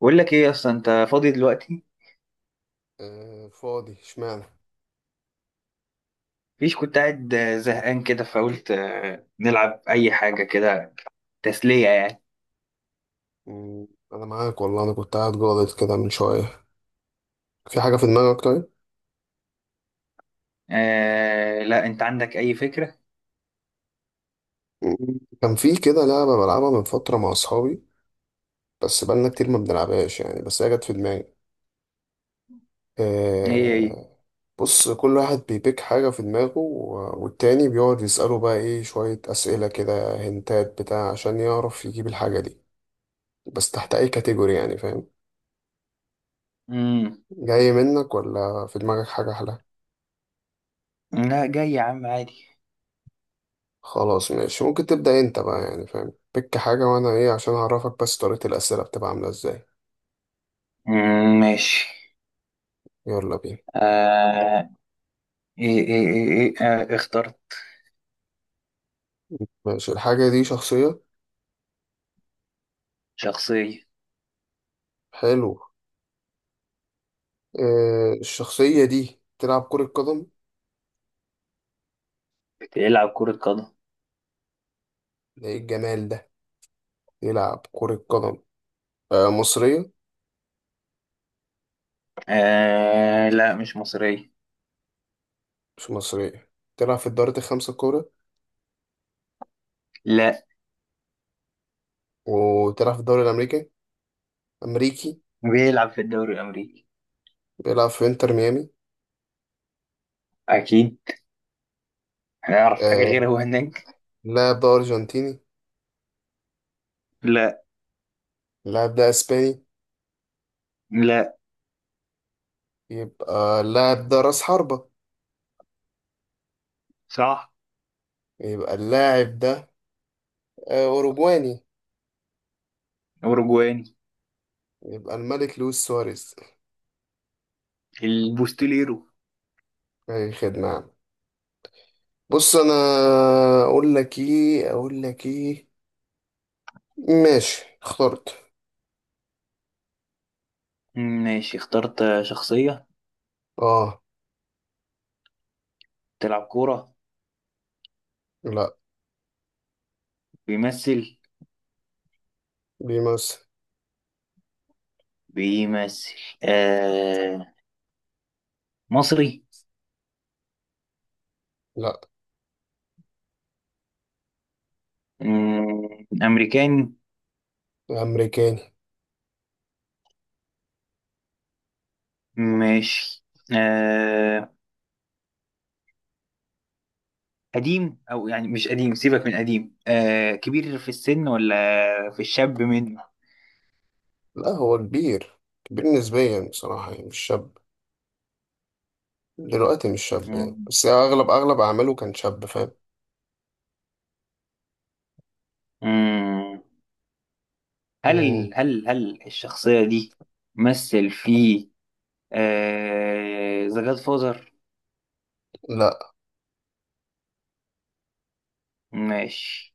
بقول لك ايه اصلا؟ انت فاضي دلوقتي؟ آه، فاضي اشمعنى مفيش، كنت قاعد زهقان كده، فقلت نلعب اي حاجه كده، تسليه يعني. مم، انا معاك والله. انا كنت قاعد جاضد كده من شويه. في حاجه في دماغك طيب؟ آه لا، انت عندك اي فكره؟ كان في كده لعبه بلعبها من فتره مع اصحابي، بس بقالنا كتير ما بنلعبهاش يعني، بس هي جت في دماغي. ايه ايه. آه، بص، كل واحد بيبيك حاجه في دماغه والتاني بيقعد يساله بقى ايه، شويه اسئله كده هنتات بتاع عشان يعرف يجيب الحاجه دي، بس تحت اي كاتيجوري يعني، فاهم؟ امم. جاي منك ولا في دماغك حاجه احلى؟ لا، جاي يا عم عادي. خلاص ماشي، ممكن تبدأ انت بقى يعني، فاهم بك حاجة وانا ايه عشان اعرفك، بس طريقة الأسئلة بتبقى عاملة ازاي؟ ماشي. يلا بينا. آه. ايه. آه اخترت. ماشي، الحاجة دي شخصية. شخصيه. حلو. آه، الشخصية دي تلعب كرة قدم. بتلعب كره قدم. ده ايه الجمال ده. يلعب كرة قدم. آه، مصرية. آه لا، مش مصريه. مش مصرية. تلعب في الدوري الخمسة الكبرى. لا. وتلعب في الدوري الأمريكي. أمريكي. بيلعب في الدوري الامريكي، بيلعب في انتر ميامي. اكيد. هيعرف حاجه آه. غير هو هناك؟ اللاعب ده أرجنتيني. لا. اللاعب ده أسباني. لا. يبقى اللاعب ده رأس حربة. صح. يبقى اللاعب ده آه، أوروجواني. اوروجواني. يبقى الملك لويس سواريز. البوستيليرو. أي خدمة يا عم. بص أنا، أقول لك إيه؟ ماشي اخترت. ماشي اخترت شخصية. آه، تلعب كورة. لا. بيمثل. بيمثل. بيمثل. آه. مصري. لا. أمريكاني. أمريكاني. ماشي. آه. قديم أو يعني مش قديم، سيبك من قديم، آه كبير في السن ولا في الشاب منه؟ لا، هو كبير. كبير نسبيا بصراحة يعني، مش شاب دلوقتي، مش شاب يعني، مم. بس أغلب أعماله كان شاب، فاهم؟ مم. هل مم. ال- هل هل الشخصية دي مثل في ذا جاد فازر؟ لا. ماشي.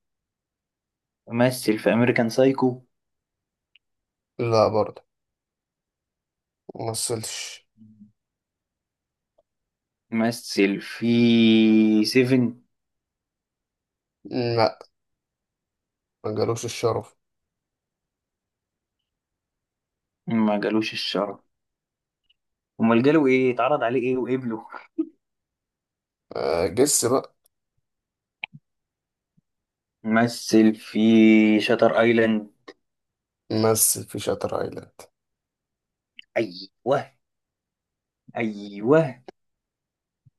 مثل في أمريكان سايكو؟ لا برضه. ممثلش. مثل في سيفن؟ لا. ما جالوش الشرف. ما جالوش الشرف؟ امال جاله ايه؟ اتعرض عليه ايه وقبله؟ آه، جس بقى. مثل في شاتر ايلاند؟ مثل في شاتر ايلاند ايوه. ايوه.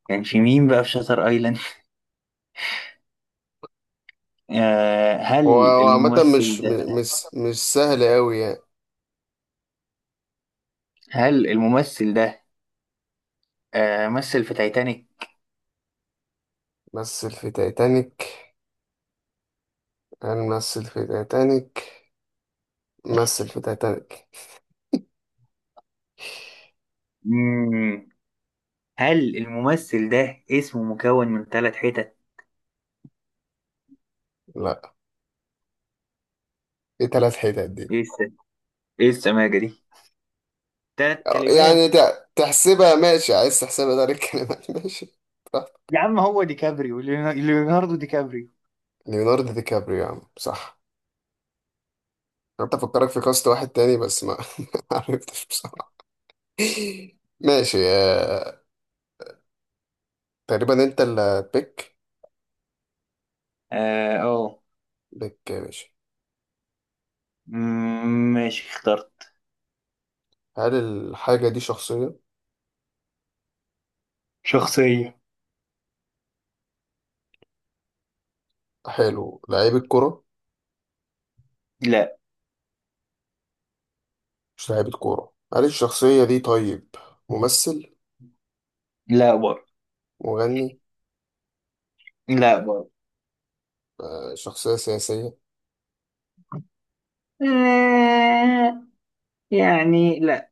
كان في مين بقى في شاتر ايلاند؟ آه، هو هل هو عامة الممثل ده، مش مش سهل أوي يعني. هل الممثل ده آه مثل في تايتانيك؟ مثل في تايتانيك. هنمثل في تايتانيك. مثل في تايتانيك. مم. هل الممثل ده اسمه مكون من ثلاث حتت؟ لا. ايه تلات حتت دي؟ ايه الس- ايه السماجة دي؟ ثلاث كلمات. تحسبها؟ ماشي، عايز تحسبها ده الكلمات ماشي براحتك. يا عم هو ديكابريو، ليوناردو ديكابريو. ليوناردو دي كابريو يا عم، صح. كنت أفكرك في كاست واحد تاني بس ما ما عرفتش بصراحة. ماشي آه، تقريبا أنت اللي بيك. اه أوه. بيك يا باشا. ماشي اخترت هل الحاجة دي شخصية؟ شخصية. حلو. لعيب الكرة؟ لا. مش لاعيبة كورة. هل الشخصية دي طيب ممثل؟ لا برضه. مغني؟ لا برضه. آه، شخصية سياسية؟ آه، يعني لا.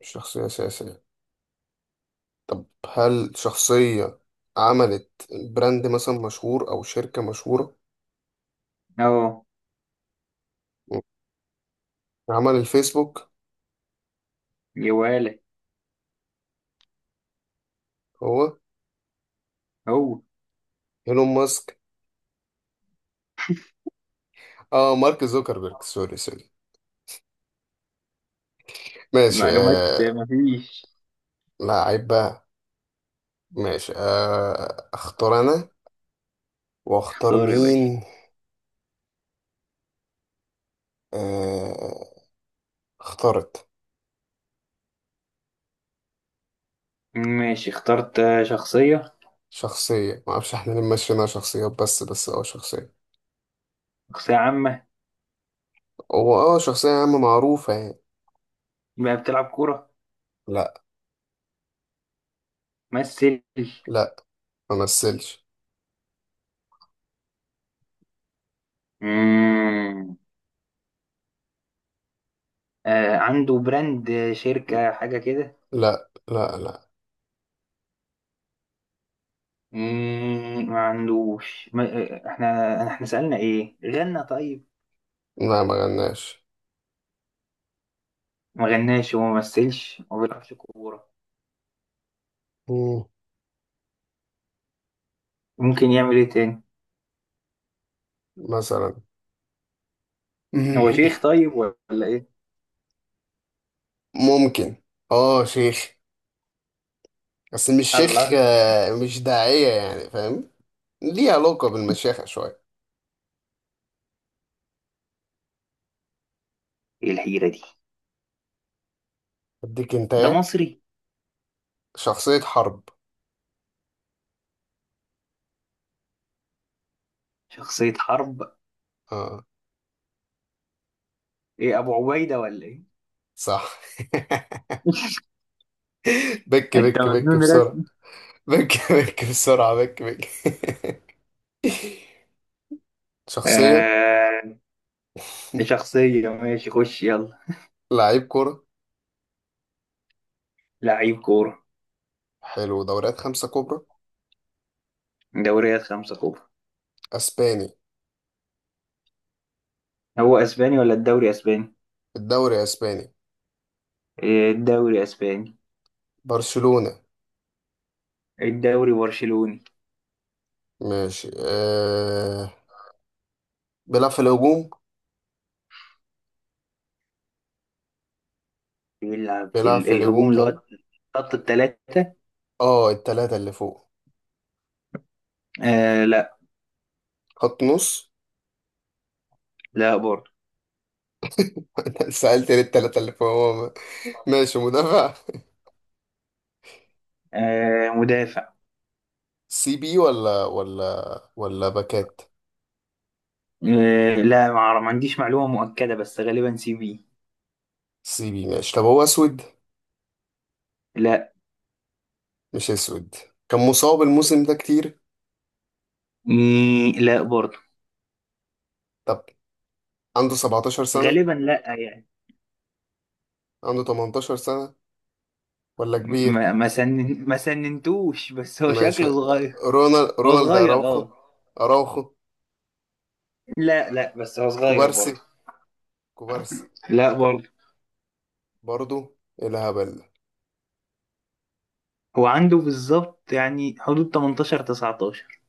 مش شخصية سياسية. هل شخصية عملت براند مثلا مشهور أو شركة مشهورة؟ اهو. م. عمل الفيسبوك. يا ولا. هو هو. إيلون ماسك. اه، مارك زوكربيرج. سوري سوري. ماشي المعلومات آه. مفيش. لعيب بقى. ماشي آه، اختار انا. واختار اختار يا مين؟ باشا. آه، اخترت ماشي اخترت شخصية. شخصية. معرفش احنا ليه ماشيينها شخصيات، بس اه شخصية. شخصية عامة. هو اه شخصية يا عم معروفة يعني. بقى بتلعب كورة؟ لا. ممثل؟ لا، ما مثلش. مم، آه، عنده براند، شركة حاجة كده؟ لا، ما عندوش. ما آه، احنا سألنا ايه؟ غنى طيب؟ لا ما غناش. ما غناش وما مثلش وما بيلعبش كورة، مم، ممكن يعمل ايه تاني؟ مثلا هو شيخ طيب ولا ايه؟ ممكن. اه شيخ، بس مش شيخ الله. آه، مش داعية يعني، فاهم؟ ليه علاقة بالمشيخة شوية. ايه الحيرة دي؟ اديك انت ده ايه. مصري؟ شخصية حرب. شخصية حرب. اه ايه، ابو عبيدة ولا ايه؟ صح. بك انت بك بك مجنون بسرعة، رسمي. بك بك بسرعة، بك بك شخصية. آه شخصية، ماشي خش يلا. لعيب كرة. لعيب كورة. حلو، دوريات خمسة كبرى. دوريات خمسة كورة. اسباني. هو اسباني ولا الدوري اسباني؟ الدوري اسباني. إيه، الدوري اسباني. برشلونة. الدوري برشلوني. ماشي أه، بيلعب في الهجوم. بيلعب في بيلعب في الهجوم الهجوم، اللي هو طيب. خط التلاتة؟ اه، التلاتة اللي فوق. آه لا. خط نص. لا برضه. أنت سألت ليه التلاتة اللي فوق هو؟ ماشي، مدافع. آه مدافع. سي بي ولا ولا باكات. لا، ما عنديش معلومة مؤكدة، بس غالبا سي بي. سي بي ماشي. طب هو اسود؟ لا. مش اسود. كان مصاب الموسم ده كتير. مي لا برضه. طب، عنده 17 سنة؟ غالبا لا يعني. عنده 18 سنة؟ ولا كبير؟ ما سننتوش، بس هو ماشي، شكله صغير. رونالد هو رونالد صغير اراوخو. اه. اراوخو. لا لا، بس هو صغير كوبارسي. برضه. كوبارسي. لا برضه. برضو. إيه الهبل ده؟ هو عنده بالظبط يعني حدود 18 19.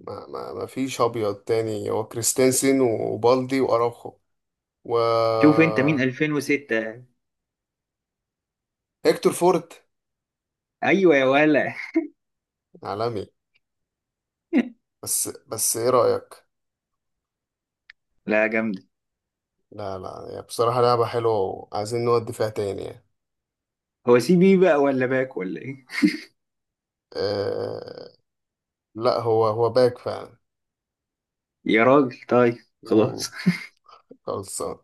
ما فيش ابيض تاني. هو كريستنسن وبالدي واراوخو و شوف انت مين 2006. هيكتور فورت. ايوه يا ولا. عالمي. بس ايه رأيك؟ لا جامد. لا، لا هي بصراحة لعبة حلوة وعايزين نودي فيها تاني يعني. هو سي بي بقى ولا باك ولا ايه؟ أه لا، هو باك فعلا. يا راجل طيب. مم، خلاص. خلصان.